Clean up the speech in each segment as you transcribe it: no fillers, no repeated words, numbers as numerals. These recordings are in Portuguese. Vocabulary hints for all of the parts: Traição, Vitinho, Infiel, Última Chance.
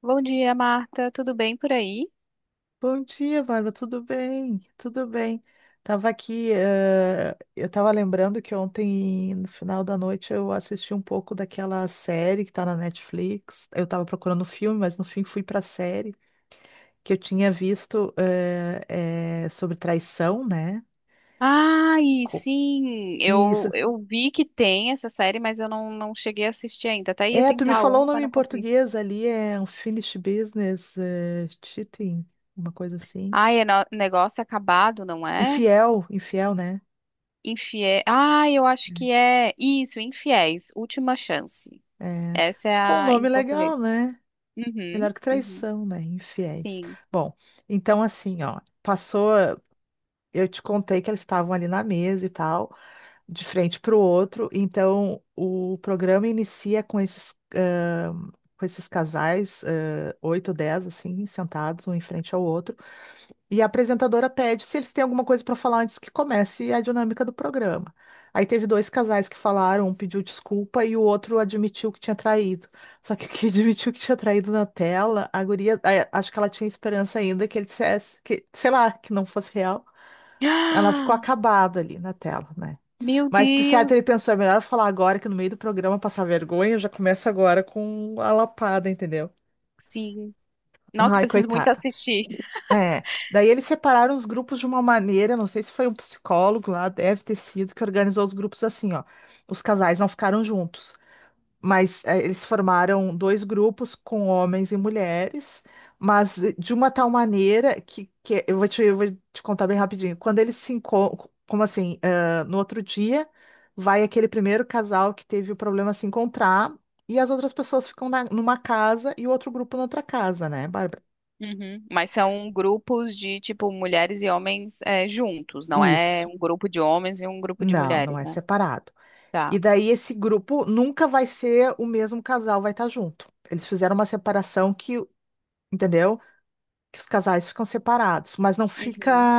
Bom dia, Marta. Tudo bem por aí? Bom dia, Bárbara. Tudo bem? Tudo bem. Tava aqui, eu tava lembrando que ontem, no final da noite, eu assisti um pouco daquela série que tá na Netflix. Eu tava procurando filme, mas no fim fui pra série que eu tinha visto sobre traição, né? Ai, Co- sim, eu, Isso. eu vi que tem essa série, mas eu não cheguei a assistir ainda. Até ia É, tu me tentar falou o ontem, nome mas em não consegui. português ali, é Unfinished Business, Cheating, uma coisa assim. Ai, é negócio acabado, não é? Infiel, né? Infiel. Ai, eu acho que é isso, Infiéis, Última Chance. É, Essa é ficou um a em nome português. legal, né? Uhum, Melhor que uhum, traição, né? Infiéis. sim. Bom, então assim, ó, passou. Eu te contei que eles estavam ali na mesa e tal, de frente para o outro. Então, o programa inicia com esses com esses casais, ah, oito, dez, assim, sentados, um em frente ao outro. E a apresentadora pede se eles têm alguma coisa para falar antes que comece a dinâmica do programa. Aí teve dois casais que falaram, um pediu desculpa e o outro admitiu que tinha traído. Só que o que admitiu que tinha traído na tela, a guria, acho que ela tinha esperança ainda que ele dissesse que, sei lá, que não fosse real. Ela ficou Ah, acabada ali na tela, né? meu Mas de certo Deus, ele pensou, é melhor eu falar agora que no meio do programa passar vergonha, eu já começo agora com a lapada, entendeu? sim. Nossa, eu Ai, preciso muito coitada. assistir. É, daí eles separaram os grupos de uma maneira, não sei se foi um psicólogo lá, deve ter sido, que organizou os grupos assim, ó. Os casais não ficaram juntos, mas eles formaram dois grupos com homens e mulheres, mas de uma tal maneira que, eu vou te contar bem rapidinho. Quando eles se encontram, como assim, ah, no outro dia, vai aquele primeiro casal que teve o problema se encontrar, e as outras pessoas ficam numa casa e o outro grupo na outra casa, né, Bárbara? Uhum. Mas são grupos de, tipo, mulheres e homens é, juntos, não é Isso. um grupo de homens e um grupo de Não, mulheres, não é né? separado. Tá. E daí esse grupo nunca vai ser o mesmo casal, vai estar junto. Eles fizeram uma separação que, entendeu? Que os casais ficam separados, mas não fica, Uhum.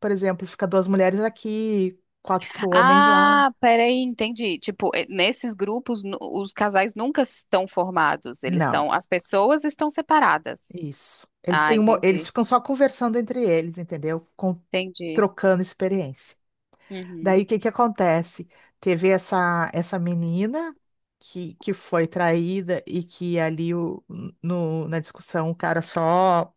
por exemplo, fica duas mulheres aqui, quatro homens lá. Ah, peraí, entendi. Tipo, nesses grupos, os casais nunca estão formados, eles Não, estão, as pessoas estão separadas. isso. Eles Ah, têm uma, eles entendi, ficam só conversando entre eles, entendeu? Entendi. Trocando experiência. Daí o Uhum. que que acontece? Teve essa menina que foi traída e que ali o, no, na discussão o cara só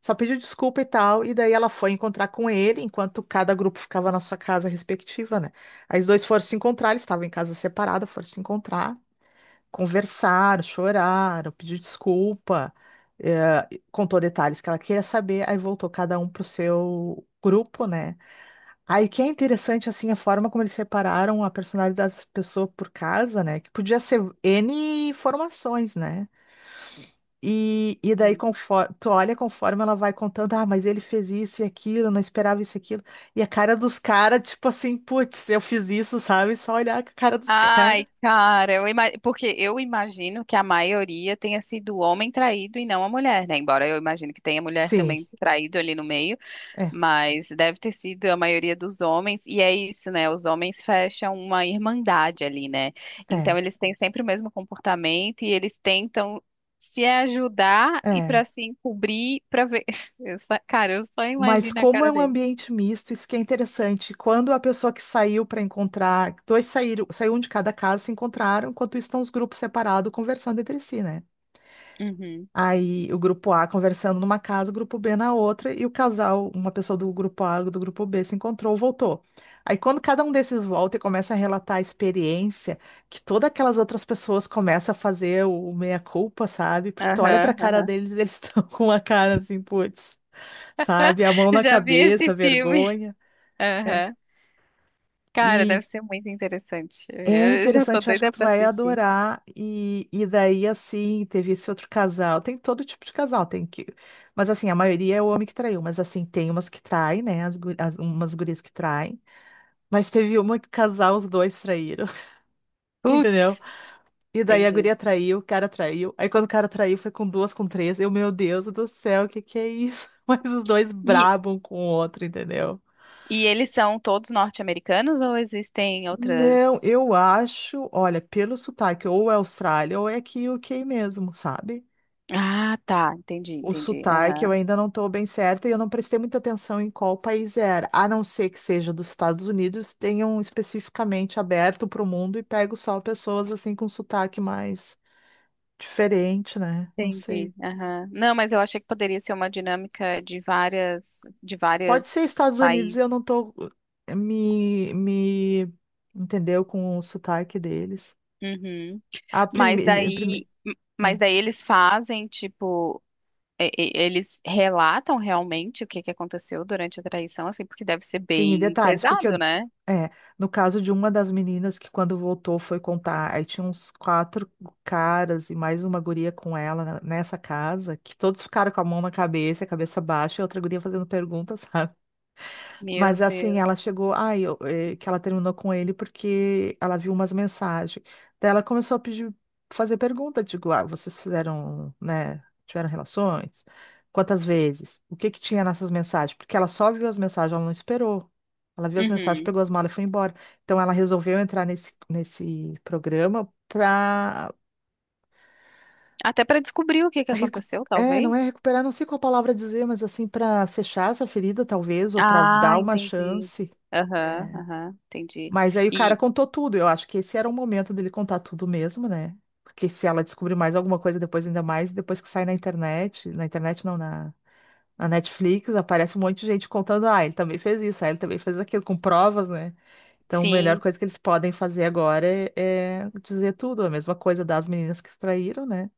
só pediu desculpa e tal, e daí ela foi encontrar com ele, enquanto cada grupo ficava na sua casa respectiva, né? Aí os dois foram se encontrar, eles estavam em casa separada, foram se encontrar, conversaram, choraram, pediu desculpa, contou detalhes que ela queria saber, aí voltou cada um pro seu grupo, né? Aí que é interessante, assim, a forma como eles separaram a personalidade das pessoas por casa, né? Que podia ser N formações, né? E daí Sim. conforme, tu olha conforme ela vai contando, ah, mas ele fez isso e aquilo, eu não esperava isso e aquilo. E a cara dos caras, tipo assim, putz, eu fiz isso, sabe? Só olhar a cara dos caras. Ai, cara, porque eu imagino que a maioria tenha sido o homem traído e não a mulher, né? Embora eu imagino que tenha mulher Sim, também traído ali no meio. é, Mas deve ter sido a maioria dos homens, e é isso, né? Os homens fecham uma irmandade ali, né? Então é, eles têm sempre o mesmo comportamento e eles tentam se ajudar e para é. se encobrir, para ver. Cara, eu só Mas imagino a como é cara um dele. ambiente misto, isso que é interessante. Quando a pessoa que saiu para encontrar, dois saíram, saiu um de cada casa, se encontraram, enquanto isso estão os grupos separados conversando entre si, né? Uhum. Aí o grupo A conversando numa casa, o grupo B na outra, e o casal, uma pessoa do grupo A, do grupo B, se encontrou, voltou. Aí quando cada um desses volta e começa a relatar a experiência, que todas aquelas outras pessoas começam a fazer o meia-culpa, sabe? Porque tu olha pra Aham, cara aham. deles, eles estão com uma cara assim, putz sabe? A mão na Já vi esse cabeça, filme. vergonha. É. Aham. Cara, E deve ser muito interessante. é Eu já tô interessante, eu acho que doida tu pra vai assistir. adorar. E daí, assim, teve esse outro casal. Tem todo tipo de casal, tem que. Mas assim, a maioria é o homem que traiu, mas assim, tem umas que traem, né? Umas gurias que traem. Mas teve uma que o casal, os dois traíram, entendeu? Putz, E daí a entendi. guria traiu, o cara traiu. Aí quando o cara traiu, foi com duas, com três. Eu, meu Deus do céu, o que que é isso? Mas os dois E, brabam com o outro, entendeu? e eles são todos norte-americanos ou existem Não, outras. eu acho, olha, pelo sotaque, ou é Austrália ou é aqui UK mesmo, sabe? Ah, tá, entendi, O entendi. sotaque eu Aham. ainda não estou bem certa e eu não prestei muita atenção em qual país era, a não ser que seja dos Estados Unidos, tenham especificamente aberto para o mundo e pego só pessoas assim com sotaque mais diferente, né? Não sei. Entendi. Aham. Não, mas eu achei que poderia ser uma dinâmica de Pode ser várias Estados Unidos, países. eu não tô me entendeu com o sotaque deles. Uhum. A Mas primeira. daí, mas daí eles fazem, tipo, eles relatam realmente o que que aconteceu durante a traição, assim, porque deve ser Sim, e bem detalhes, pesado, né? é, no caso de uma das meninas que quando voltou foi contar, aí tinha uns quatro caras e mais uma guria com ela nessa casa, que todos ficaram com a mão na cabeça, a cabeça baixa, e outra guria fazendo perguntas, sabe? Meu Mas assim, Deus. ela chegou, que ela terminou com ele porque ela viu umas mensagens. Daí ela começou a pedir, fazer pergunta, digo, ah, vocês fizeram, né, tiveram relações? Quantas vezes? O que que tinha nessas mensagens? Porque ela só viu as mensagens, ela não esperou. Ela viu as mensagens, Uhum. pegou as malas e foi embora. Então ela resolveu entrar nesse programa para Até para descobrir o que que recu- aconteceu, É, não talvez. é recuperar, não sei qual palavra dizer, mas assim, para fechar essa ferida, talvez, ou para Ah, dar uma entendi. chance. Aham, É. aham, entendi. Mas aí o cara E contou tudo. Eu acho que esse era o momento dele contar tudo mesmo, né? Porque se ela descobrir mais alguma coisa depois, ainda mais, depois que sai na internet não, na, na Netflix, aparece um monte de gente contando, ah, ele também fez isso, ah, ele também fez aquilo, com provas, né? Então, a melhor sim, coisa que eles podem fazer agora é dizer tudo, a mesma coisa das meninas que traíram, né?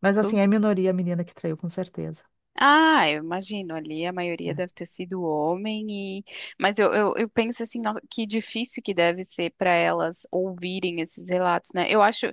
Mas assim, é minoria a menina que traiu, com certeza. ah, eu imagino ali, a maioria Né? deve ter sido homem e mas eu, eu penso assim, que difícil que deve ser para elas ouvirem esses relatos, né?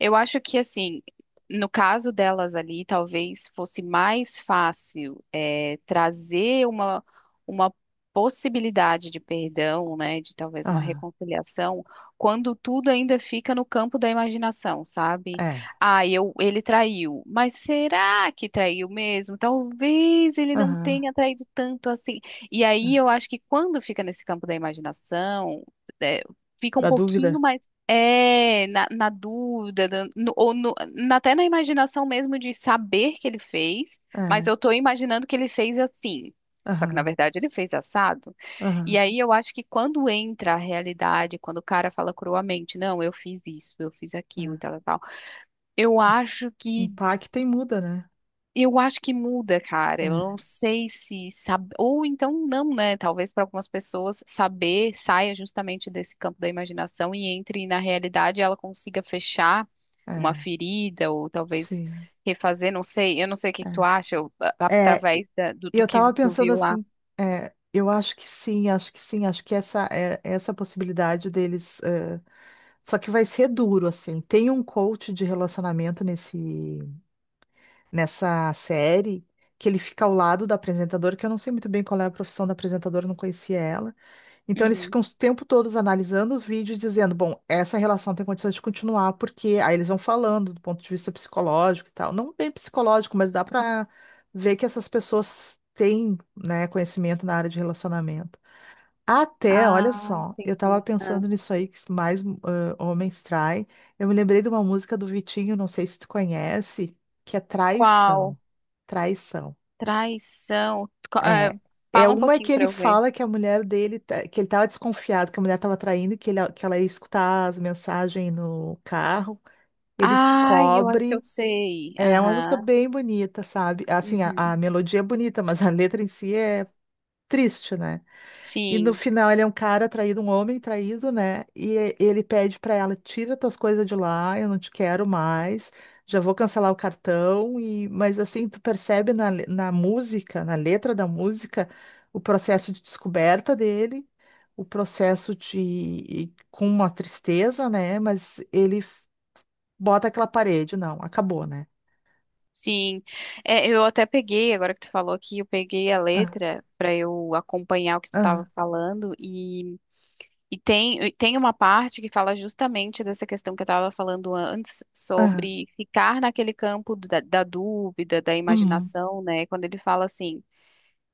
Eu acho que assim, no caso delas ali, talvez fosse mais fácil é, trazer uma possibilidade de perdão, né? De talvez uma Aham, reconciliação, quando tudo ainda fica no campo da imaginação, sabe? é. Ah, eu, ele traiu. Mas será que traiu mesmo? Talvez ele não Aham. tenha traído tanto assim. E aí É. eu acho que quando fica nesse campo da imaginação, é, fica um Da pouquinho dúvida? mais. É, na, na dúvida, da- no- ou no- na- até na imaginação mesmo de saber que ele fez, mas É. eu tô imaginando que ele fez assim. Só que na Aham. verdade ele fez assado. E Aham. aí eu acho que quando entra a realidade, quando o cara fala cruamente, não, eu fiz isso, eu fiz aquilo e É. tal, tal, tal, eu acho que Impacta e muda, né? eu acho que muda, cara. Eu não sei se sabe ou então não, né? Talvez para algumas pessoas saber saia justamente desse campo da imaginação e entre na realidade, ela consiga fechar É, uma é, ferida ou talvez sim. refazer, não sei. Eu não sei o que que tu É. acha ou, É, e através do, e do eu que tava tu pensando viu lá. assim, é, eu acho que sim, acho que sim, acho que essa é essa possibilidade deles. É, só que vai ser duro, assim. Tem um coach de relacionamento nessa série que ele fica ao lado da apresentadora, que eu não sei muito bem qual é a profissão da apresentadora, não conhecia ela. Então eles Uhum. ficam o tempo todos analisando os vídeos, dizendo, bom, essa relação tem condições de continuar, porque aí eles vão falando do ponto de vista psicológico e tal. Não bem psicológico, mas dá para ver que essas pessoas têm, né, conhecimento na área de relacionamento. Até, Ah, olha só, eu tava entendi. Ah. pensando nisso aí que mais homens traem. Eu me lembrei de uma música do Vitinho, não sei se tu conhece, que é Qual? Traição. Traição. Traição. É, é Fala um uma pouquinho que para ele eu ver. fala que a mulher dele, que ele estava desconfiado que a mulher estava traindo, que ela ia escutar as mensagens no carro. Ele Ai, eu acho que eu descobre. sei. É uma música Aham. bem bonita, sabe? Assim, Uhum. a melodia é bonita, mas a letra em si é triste, né? E no Sim, final ele é um cara traído, um homem traído, né? Ele pede pra ela, tira tuas coisas de lá, eu não te quero mais, já vou cancelar o cartão. E mas assim, tu percebe na música, na letra da música, o processo de descoberta dele, o processo de e com uma tristeza, né? Mas bota aquela parede, não, acabou, né? sim. É, eu até peguei, agora que tu falou aqui, eu peguei a Ah, letra para eu acompanhar o que tu ah, estava falando e tem uma parte que fala justamente dessa questão que eu estava falando antes ah, sobre ficar naquele campo da, da dúvida, da uhum, imaginação, né? Quando ele fala assim,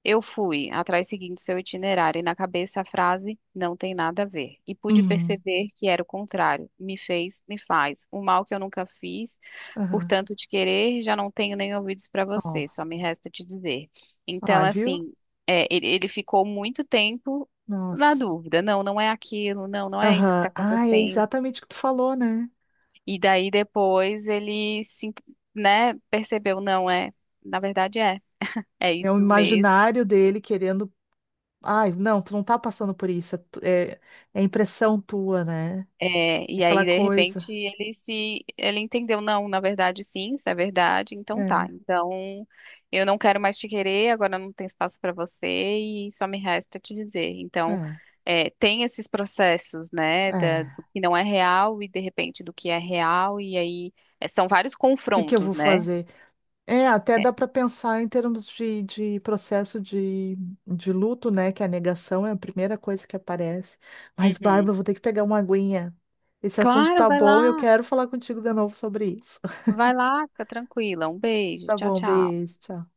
eu fui atrás seguindo seu itinerário e na cabeça a frase não tem nada a ver. E pude uhum, perceber que era o contrário. Me fez, me faz. O mal que eu nunca fiz, aham. portanto te querer, já não tenho nem ouvidos para Ó, você, só me resta te dizer. ah, Então, viu? assim, é, ele ficou muito tempo na Nossa. dúvida. Não, não é aquilo, não, não é isso que está Aham. Ah, é acontecendo. exatamente o que tu falou, né? E daí depois ele se, né, percebeu, não é, na verdade é. É É o isso mesmo. imaginário dele querendo. Ai, não, tu não tá passando por isso. É, é impressão tua, né? É, e aí, Aquela de coisa. repente, ele se, ele entendeu, não, na verdade, sim, isso é verdade, então tá. É, Então, eu não quero mais te querer, agora não tem espaço para você e só me resta te dizer. Então, é, é, tem esses processos, né, é. do que não é real e, de repente, do que é real, e aí, é, são vários O que que eu confrontos, vou né? fazer? É, até É. dá para pensar em termos de processo de luto, né? Que a negação é a primeira coisa que aparece. Mas, Uhum. Bárbara, vou ter que pegar uma aguinha. Esse assunto Claro, tá bom e eu quero falar contigo de novo sobre isso. vai lá, fica tranquila. Um beijo, Tá tchau, bom, tchau. beijo, tchau.